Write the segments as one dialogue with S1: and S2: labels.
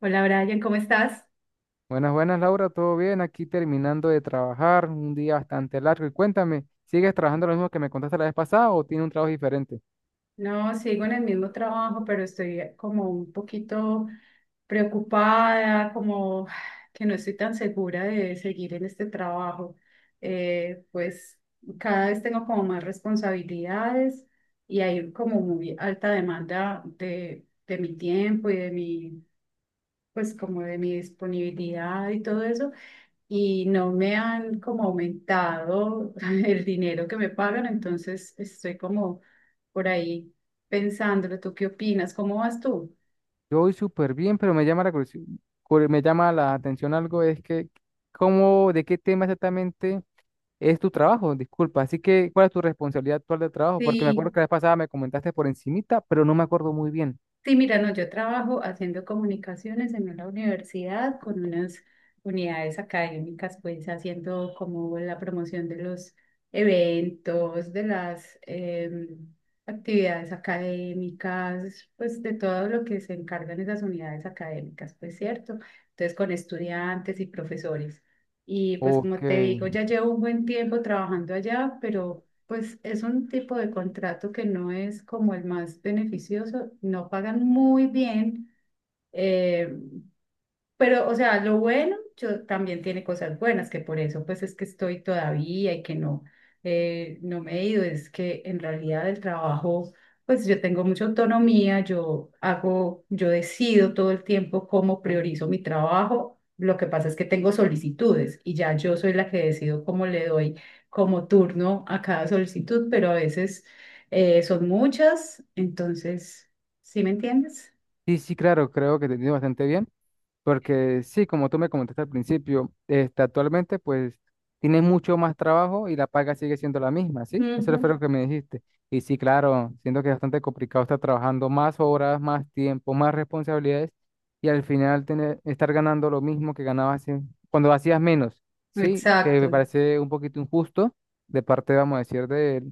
S1: Hola Brian, ¿cómo estás?
S2: Buenas, buenas, Laura, ¿todo bien? Aquí terminando de trabajar, un día bastante largo. Y cuéntame, ¿sigues trabajando lo mismo que me contaste la vez pasada o tiene un trabajo diferente?
S1: No, sigo en el mismo trabajo, pero estoy como un poquito preocupada, como que no estoy tan segura de seguir en este trabajo. Pues cada vez tengo como más responsabilidades y hay como muy alta demanda de mi tiempo y de mi, pues como de mi disponibilidad y todo eso. Y no me han como aumentado el dinero que me pagan, entonces estoy como por ahí pensándolo. ¿Tú qué opinas? ¿Cómo vas tú?
S2: Yo voy súper bien, pero me llama la me llama la atención algo, es que, ¿cómo, de qué tema exactamente es tu trabajo? Disculpa, así que, ¿cuál es tu responsabilidad actual de trabajo? Porque me acuerdo
S1: Sí.
S2: que la vez pasada me comentaste por encimita, pero no me acuerdo muy bien.
S1: Sí, mira, no, yo trabajo haciendo comunicaciones en una universidad con unas unidades académicas, pues haciendo como la promoción de los eventos, de las actividades académicas, pues de todo lo que se encargan esas unidades académicas, pues cierto. Entonces con estudiantes y profesores. Y pues
S2: Ok,
S1: como te digo, ya llevo un buen tiempo trabajando allá, pero pues es un tipo de contrato que no es como el más beneficioso, no pagan muy bien, eh, pero, o sea, lo bueno, yo también tiene cosas buenas, que por eso pues es que estoy todavía y que no, no me he ido, es que en realidad el trabajo, pues yo tengo mucha autonomía, yo hago, yo decido todo el tiempo cómo priorizo mi trabajo, lo que pasa es que tengo solicitudes y ya yo soy la que decido cómo le doy como turno a cada solicitud, pero a veces son muchas, entonces, ¿sí me entiendes?
S2: sí, sí, claro, creo que te entiendo bastante bien. Porque sí, como tú me comentaste al principio, actualmente pues tienes mucho más trabajo y la paga sigue siendo la misma, ¿sí?
S1: Ujú.
S2: Eso fue lo que me dijiste. Y sí, claro, siento que es bastante complicado estar trabajando más horas, más tiempo, más responsabilidades y al final tener, estar ganando lo mismo que ganabas cuando hacías menos, ¿sí? Que me
S1: Exacto,
S2: parece un poquito injusto de parte, vamos a decir,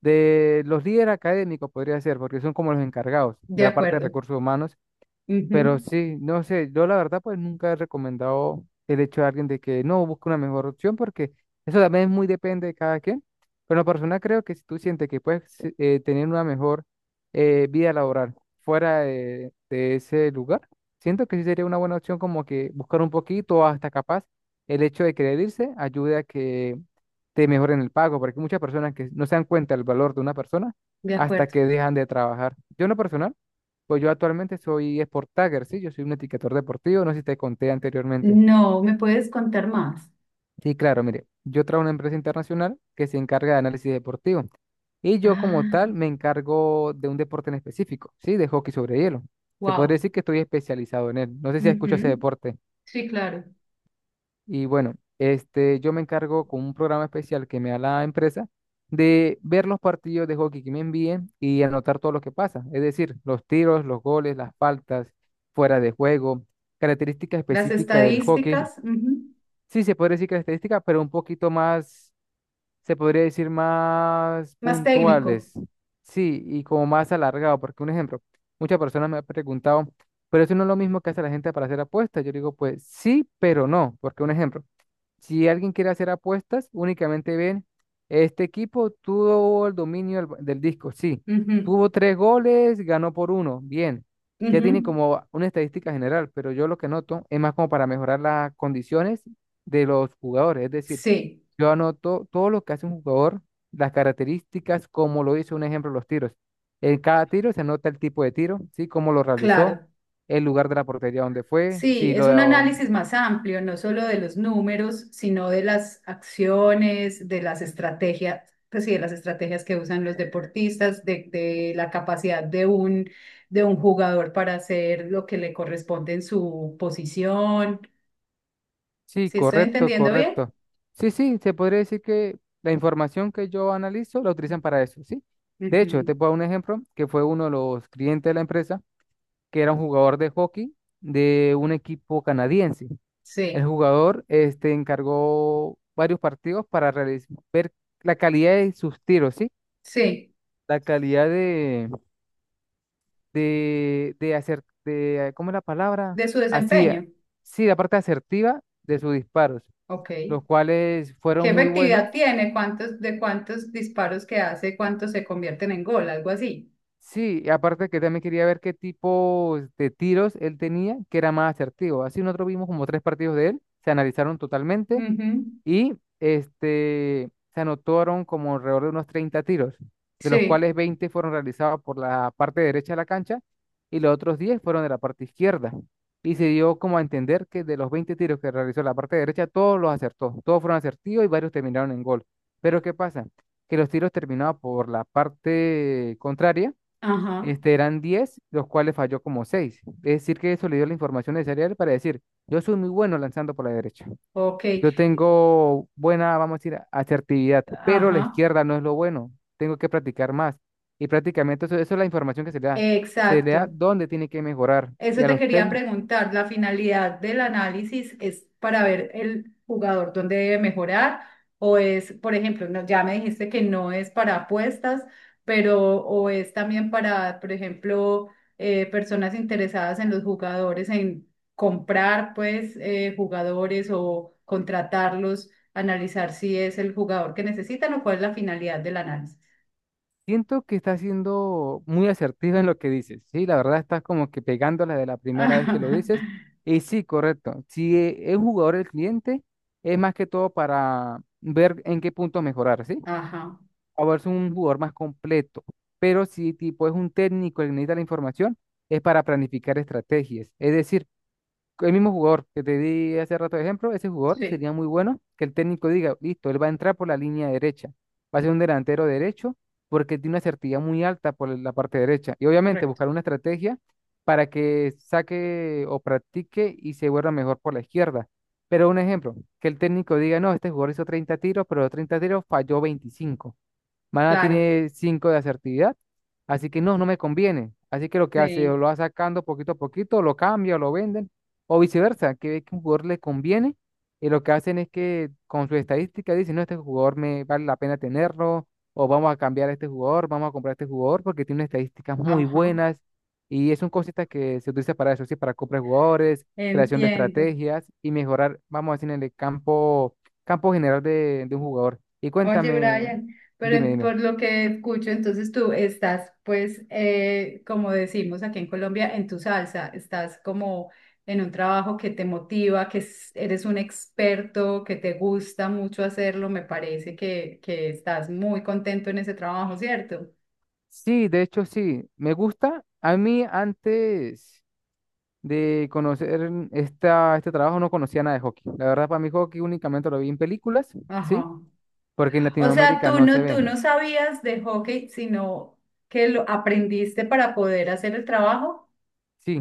S2: de los líderes académicos, podría ser, porque son como los encargados de
S1: de
S2: la parte de
S1: acuerdo.
S2: recursos humanos. Pero
S1: Ujú,
S2: sí, no sé, yo la verdad pues nunca he recomendado el hecho de alguien de que no busque una mejor opción porque eso también es muy depende de cada quien. Pero la persona creo que si tú sientes que puedes sí, tener una mejor vida laboral fuera de ese lugar, siento que sí sería una buena opción como que buscar un poquito hasta capaz el hecho de querer irse ayude a que te mejoren el pago porque hay muchas personas que no se dan cuenta del valor de una persona
S1: de
S2: hasta
S1: acuerdo.
S2: que dejan de trabajar. Yo en lo personal. Pues yo actualmente soy Sport Tagger, sí, yo soy un etiquetador deportivo, no sé si te conté anteriormente.
S1: No, ¿me puedes contar más?
S2: Sí, claro, mire, yo trabajo en una empresa internacional que se encarga de análisis deportivo y yo como
S1: Ah,
S2: tal me encargo de un deporte en específico, sí, de hockey sobre hielo. Se podría
S1: wow.
S2: decir que estoy especializado en él. No sé si escuchas ese
S1: Ujú,
S2: deporte.
S1: sí, claro.
S2: Y bueno, yo me encargo con un programa especial que me da la empresa de ver los partidos de hockey que me envíen y anotar todo lo que pasa. Es decir, los tiros, los goles, las faltas, fuera de juego, características
S1: Las
S2: específicas del hockey.
S1: estadísticas, ujú.
S2: Sí, se podría decir características, pero un poquito más, se podría decir más
S1: Más técnico.
S2: puntuales. Sí, y como más alargado, porque un ejemplo, muchas personas me han preguntado, pero eso no es lo mismo que hace la gente para hacer apuestas. Yo digo, pues sí, pero no, porque un ejemplo. Si alguien quiere hacer apuestas, únicamente ven, este equipo tuvo el dominio del, del disco, sí.
S1: Ujú,
S2: Tuvo tres goles, ganó por uno, bien. Ya tiene
S1: ujú,
S2: como una estadística general, pero yo lo que noto es más como para mejorar las condiciones de los jugadores. Es decir,
S1: sí,
S2: yo anoto todo lo que hace un jugador, las características, como lo hizo, un ejemplo, los tiros. En cada tiro se anota el tipo de tiro, sí, cómo lo realizó,
S1: claro.
S2: el lugar de la portería donde fue,
S1: Sí,
S2: si
S1: es
S2: lo
S1: un análisis más amplio, no solo de los números, sino de las acciones, de las estrategias, pues sí, de las estrategias que usan los deportistas, de la capacidad de un jugador para hacer lo que le corresponde en su posición.
S2: sí,
S1: ¿Sí estoy
S2: correcto,
S1: entendiendo bien?
S2: correcto. Sí, sí, se podría decir que la información que yo analizo la utilizan para eso, ¿sí? De hecho, te
S1: Ujú.
S2: puedo dar un ejemplo que fue uno de los clientes de la empresa, que era un jugador de hockey de un equipo canadiense. El
S1: Sí,
S2: jugador este, encargó varios partidos para ver la calidad de sus tiros, ¿sí?
S1: sí,
S2: La calidad de hacer, ¿cómo es la palabra?
S1: de su
S2: Así,
S1: desempeño.
S2: sí, la parte asertiva de sus disparos,
S1: Ok.
S2: los cuales
S1: ¿Qué
S2: fueron muy
S1: efectividad
S2: buenos.
S1: tiene? ¿Cuántos de cuántos disparos que hace? ¿Cuántos se convierten en gol? Algo así.
S2: Sí, y aparte que también quería ver qué tipo de tiros él tenía, que era más asertivo. Así nosotros vimos como tres partidos de él, se analizaron totalmente
S1: Ujú,
S2: y se anotaron como alrededor de unos 30 tiros, de los
S1: sí,
S2: cuales 20 fueron realizados por la parte derecha de la cancha y los otros 10 fueron de la parte izquierda. Y se dio como a entender que de los 20 tiros que realizó la parte derecha, todos los acertó, todos fueron acertidos y varios terminaron en gol. Pero ¿qué pasa? Que los tiros terminados por la parte contraria,
S1: ajá,
S2: eran 10 los cuales falló como seis. Es decir, que eso le dio la información necesaria a él para decir, yo soy muy bueno lanzando por la derecha.
S1: ok,
S2: Yo tengo buena, vamos a decir, asertividad, pero la
S1: ajá,
S2: izquierda no es lo bueno. Tengo que practicar más. Y prácticamente eso, eso es la información que se le da. Se le da
S1: exacto.
S2: dónde tiene que mejorar. Y
S1: Eso
S2: a
S1: te
S2: los
S1: quería
S2: TEN,
S1: preguntar, la finalidad del análisis es para ver el jugador dónde debe mejorar o es, por ejemplo, ya me dijiste que no es para apuestas, pero o es también para, por ejemplo, personas interesadas en los jugadores, en comprar pues jugadores o contratarlos, analizar si es el jugador que necesitan o cuál es la finalidad del análisis.
S2: siento que está siendo muy asertivo en lo que dices. Sí, la verdad estás como que pegándola de la primera vez que lo dices. Y sí, correcto. Si es jugador el cliente, es más que todo para ver en qué punto mejorar, ¿sí?
S1: Ajá,
S2: Ahora es un jugador más completo, pero si tipo es un técnico el que necesita la información, es para planificar estrategias. Es decir, el mismo jugador que te di hace rato de ejemplo, ese jugador
S1: sí,
S2: sería muy bueno que el técnico diga, listo, él va a entrar por la línea derecha, va a ser un delantero derecho porque tiene una certidumbre muy alta por la parte derecha. Y obviamente
S1: correcto.
S2: buscar una estrategia para que saque o practique y se vuelva mejor por la izquierda. Pero un ejemplo, que el técnico diga, no, este jugador hizo 30 tiros, pero los 30 tiros falló 25. Mana
S1: Claro,
S2: tiene 5 de asertividad, así que no, no me conviene. Así que lo que hace, o
S1: sí,
S2: lo va sacando poquito a poquito, lo cambia, o lo venden, o viceversa, que ve que un jugador le conviene, y lo que hacen es que con su estadística dicen, no, este jugador me vale la pena tenerlo, o vamos a cambiar a este jugador, vamos a comprar a este jugador, porque tiene unas estadísticas muy
S1: ajá.
S2: buenas, y son cositas que se utiliza para eso, sí, para comprar jugadores, creación de
S1: Entiendo.
S2: estrategias y mejorar, vamos a decir, en el campo, campo general de un jugador. Y
S1: Oye,
S2: cuéntame,
S1: Brian, pero
S2: dime, dime.
S1: por lo que escucho, entonces tú estás, pues, como decimos aquí en Colombia, en tu salsa, estás como en un trabajo que te motiva, eres un experto, que te gusta mucho hacerlo, me parece que estás muy contento en ese trabajo, ¿cierto?
S2: Sí, de hecho sí, me gusta. A mí antes de conocer esta, este trabajo no conocía nada de hockey. La verdad, para mí hockey únicamente lo vi en películas, ¿sí?
S1: Ajá.
S2: Porque en
S1: O sea,
S2: Latinoamérica no se ve.
S1: tú no sabías de hockey, sino que lo aprendiste para poder hacer el trabajo.
S2: Sí,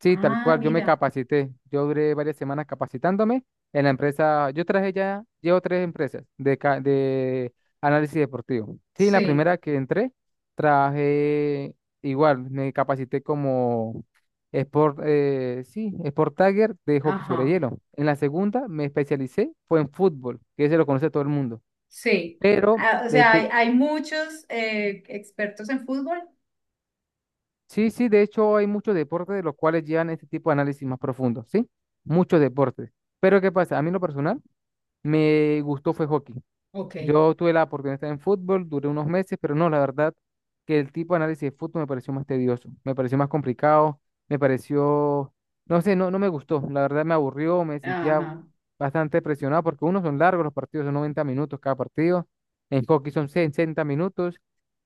S2: sí, tal
S1: Ah,
S2: cual. Yo me
S1: mira,
S2: capacité. Yo duré varias semanas capacitándome en la empresa. Yo traje ya, llevo tres empresas de, de análisis deportivo. Sí, la
S1: sí,
S2: primera que entré, traje igual, me capacité como sport, sí, sport tagger de hockey sobre
S1: ajá.
S2: hielo. En la segunda me especialicé, fue en fútbol, que ese lo conoce todo el mundo.
S1: Sí,
S2: Pero
S1: ah, o sea, hay muchos expertos en fútbol.
S2: sí, sí, de hecho hay muchos deportes de los cuales llevan este tipo de análisis más profundo, ¿sí? Muchos deportes. Pero ¿qué pasa? A mí en lo personal me gustó fue hockey.
S1: Ok,
S2: Yo tuve la oportunidad de estar en fútbol, duré unos meses, pero no, la verdad que el tipo de análisis de fútbol me pareció más tedioso, me pareció más complicado, me pareció, no sé, no, no me gustó, la verdad me aburrió, me sentía
S1: ajá,
S2: bastante presionado porque uno son largos los partidos, son 90 minutos cada partido, en hockey son 60 minutos,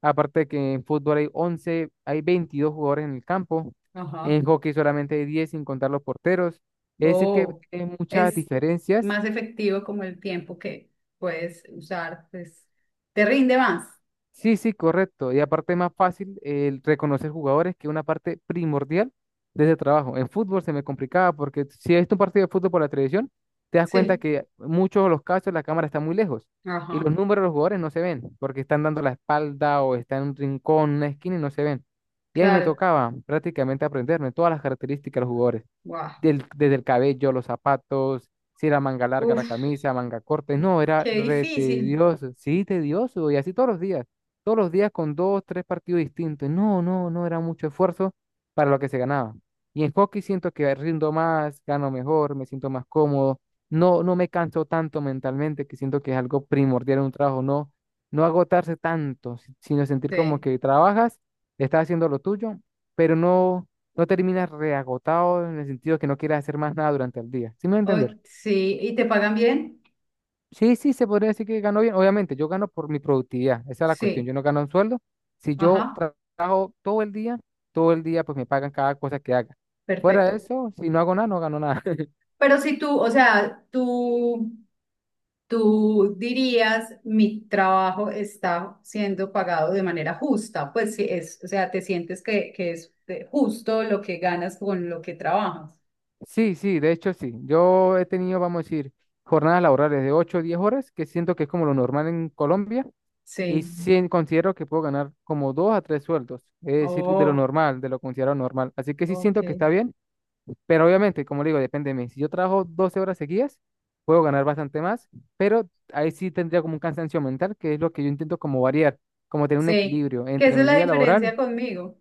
S2: aparte que en fútbol hay 11 hay 22 jugadores en el campo,
S1: ajá.
S2: en hockey solamente hay 10 sin contar los porteros, es decir que
S1: Oh,
S2: hay muchas
S1: es
S2: diferencias.
S1: más efectivo como el tiempo que puedes usar, pues te rinde más.
S2: Sí, sí, correcto. Y aparte es más fácil el reconocer jugadores que una parte primordial de ese trabajo. En fútbol se me complicaba porque si he visto un partido de fútbol por la televisión, te das cuenta
S1: Sí,
S2: que muchos de los casos la cámara está muy lejos
S1: ajá,
S2: y los números de los jugadores no se ven porque están dando la espalda o están en un rincón, una esquina y no se ven. Y a mí me
S1: claro.
S2: tocaba prácticamente aprenderme todas las características de los jugadores,
S1: Wow.
S2: desde el cabello, los zapatos, si era manga larga la
S1: Uf,
S2: camisa, manga corta. No, era
S1: qué
S2: re
S1: difícil.
S2: tedioso, sí, tedioso y así todos los días con dos, tres partidos distintos. No, no, no era mucho esfuerzo para lo que se ganaba. Y en hockey siento que rindo más, gano mejor, me siento más cómodo. No, no me canso tanto mentalmente, que siento que es algo primordial en un trabajo, no, no agotarse tanto, sino sentir como
S1: Sí.
S2: que trabajas, estás haciendo lo tuyo, pero no, no terminas reagotado en el sentido que no quieras hacer más nada durante el día. ¿Sí me voy
S1: Oh, sí, ¿y te pagan bien?
S2: sí, sí, se podría decir que gano bien. Obviamente, yo gano por mi productividad. Esa es la cuestión. Yo
S1: Sí,
S2: no gano un sueldo. Si yo
S1: ajá,
S2: trabajo todo el día, pues me pagan cada cosa que haga. Fuera de
S1: perfecto.
S2: eso, si no hago nada, no gano nada.
S1: Pero si tú, o sea, tú dirías, mi trabajo está siendo pagado de manera justa, pues si es, o sea, te sientes que es justo lo que ganas con lo que trabajas.
S2: Sí, sí, de hecho sí. Yo he tenido, vamos a decir, jornadas laborales de 8, o 10 horas, que siento que es como lo normal en Colombia, y
S1: Sí.
S2: sí considero que puedo ganar como 2 a 3 sueldos, es decir, de lo
S1: Oh,
S2: normal, de lo considerado normal. Así que sí
S1: ok.
S2: siento que está bien. Pero obviamente, como le digo, depende de mí. Si yo trabajo 12 horas seguidas, puedo ganar bastante más, pero ahí sí tendría como un cansancio mental, que es lo que yo intento como variar, como tener un
S1: Sí,
S2: equilibrio
S1: que
S2: entre
S1: esa es
S2: mi
S1: la
S2: vida laboral,
S1: diferencia conmigo.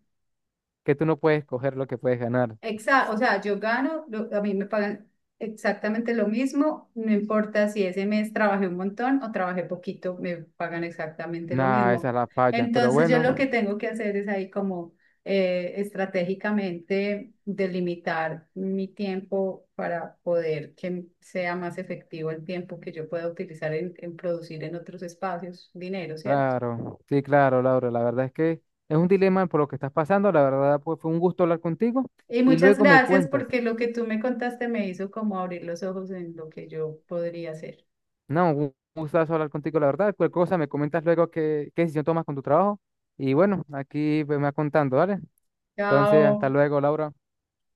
S2: que tú no puedes coger lo que puedes ganar.
S1: Exacto, o sea, yo gano, a mí me pagan exactamente lo mismo, no importa si ese mes trabajé un montón o trabajé poquito, me pagan exactamente lo
S2: Nada, esa
S1: mismo.
S2: es la falla. Pero
S1: Entonces yo lo
S2: bueno,
S1: que tengo que hacer es ahí como estratégicamente delimitar mi tiempo para poder que sea más efectivo el tiempo que yo pueda utilizar en producir en otros espacios dinero, ¿cierto?
S2: claro, sí, claro, Laura, la verdad es que es un dilema por lo que estás pasando. La verdad, pues fue un gusto hablar contigo
S1: Y
S2: y
S1: muchas
S2: luego me
S1: gracias
S2: cuentas.
S1: porque lo que tú me contaste me hizo como abrir los ojos en lo que yo podría hacer.
S2: No, un gustazo hablar contigo, la verdad. Cualquier cosa me comentas luego qué, qué decisión tomas con tu trabajo. Y bueno, aquí pues, me vas contando, ¿vale? Entonces, hasta
S1: Chao.
S2: luego, Laura.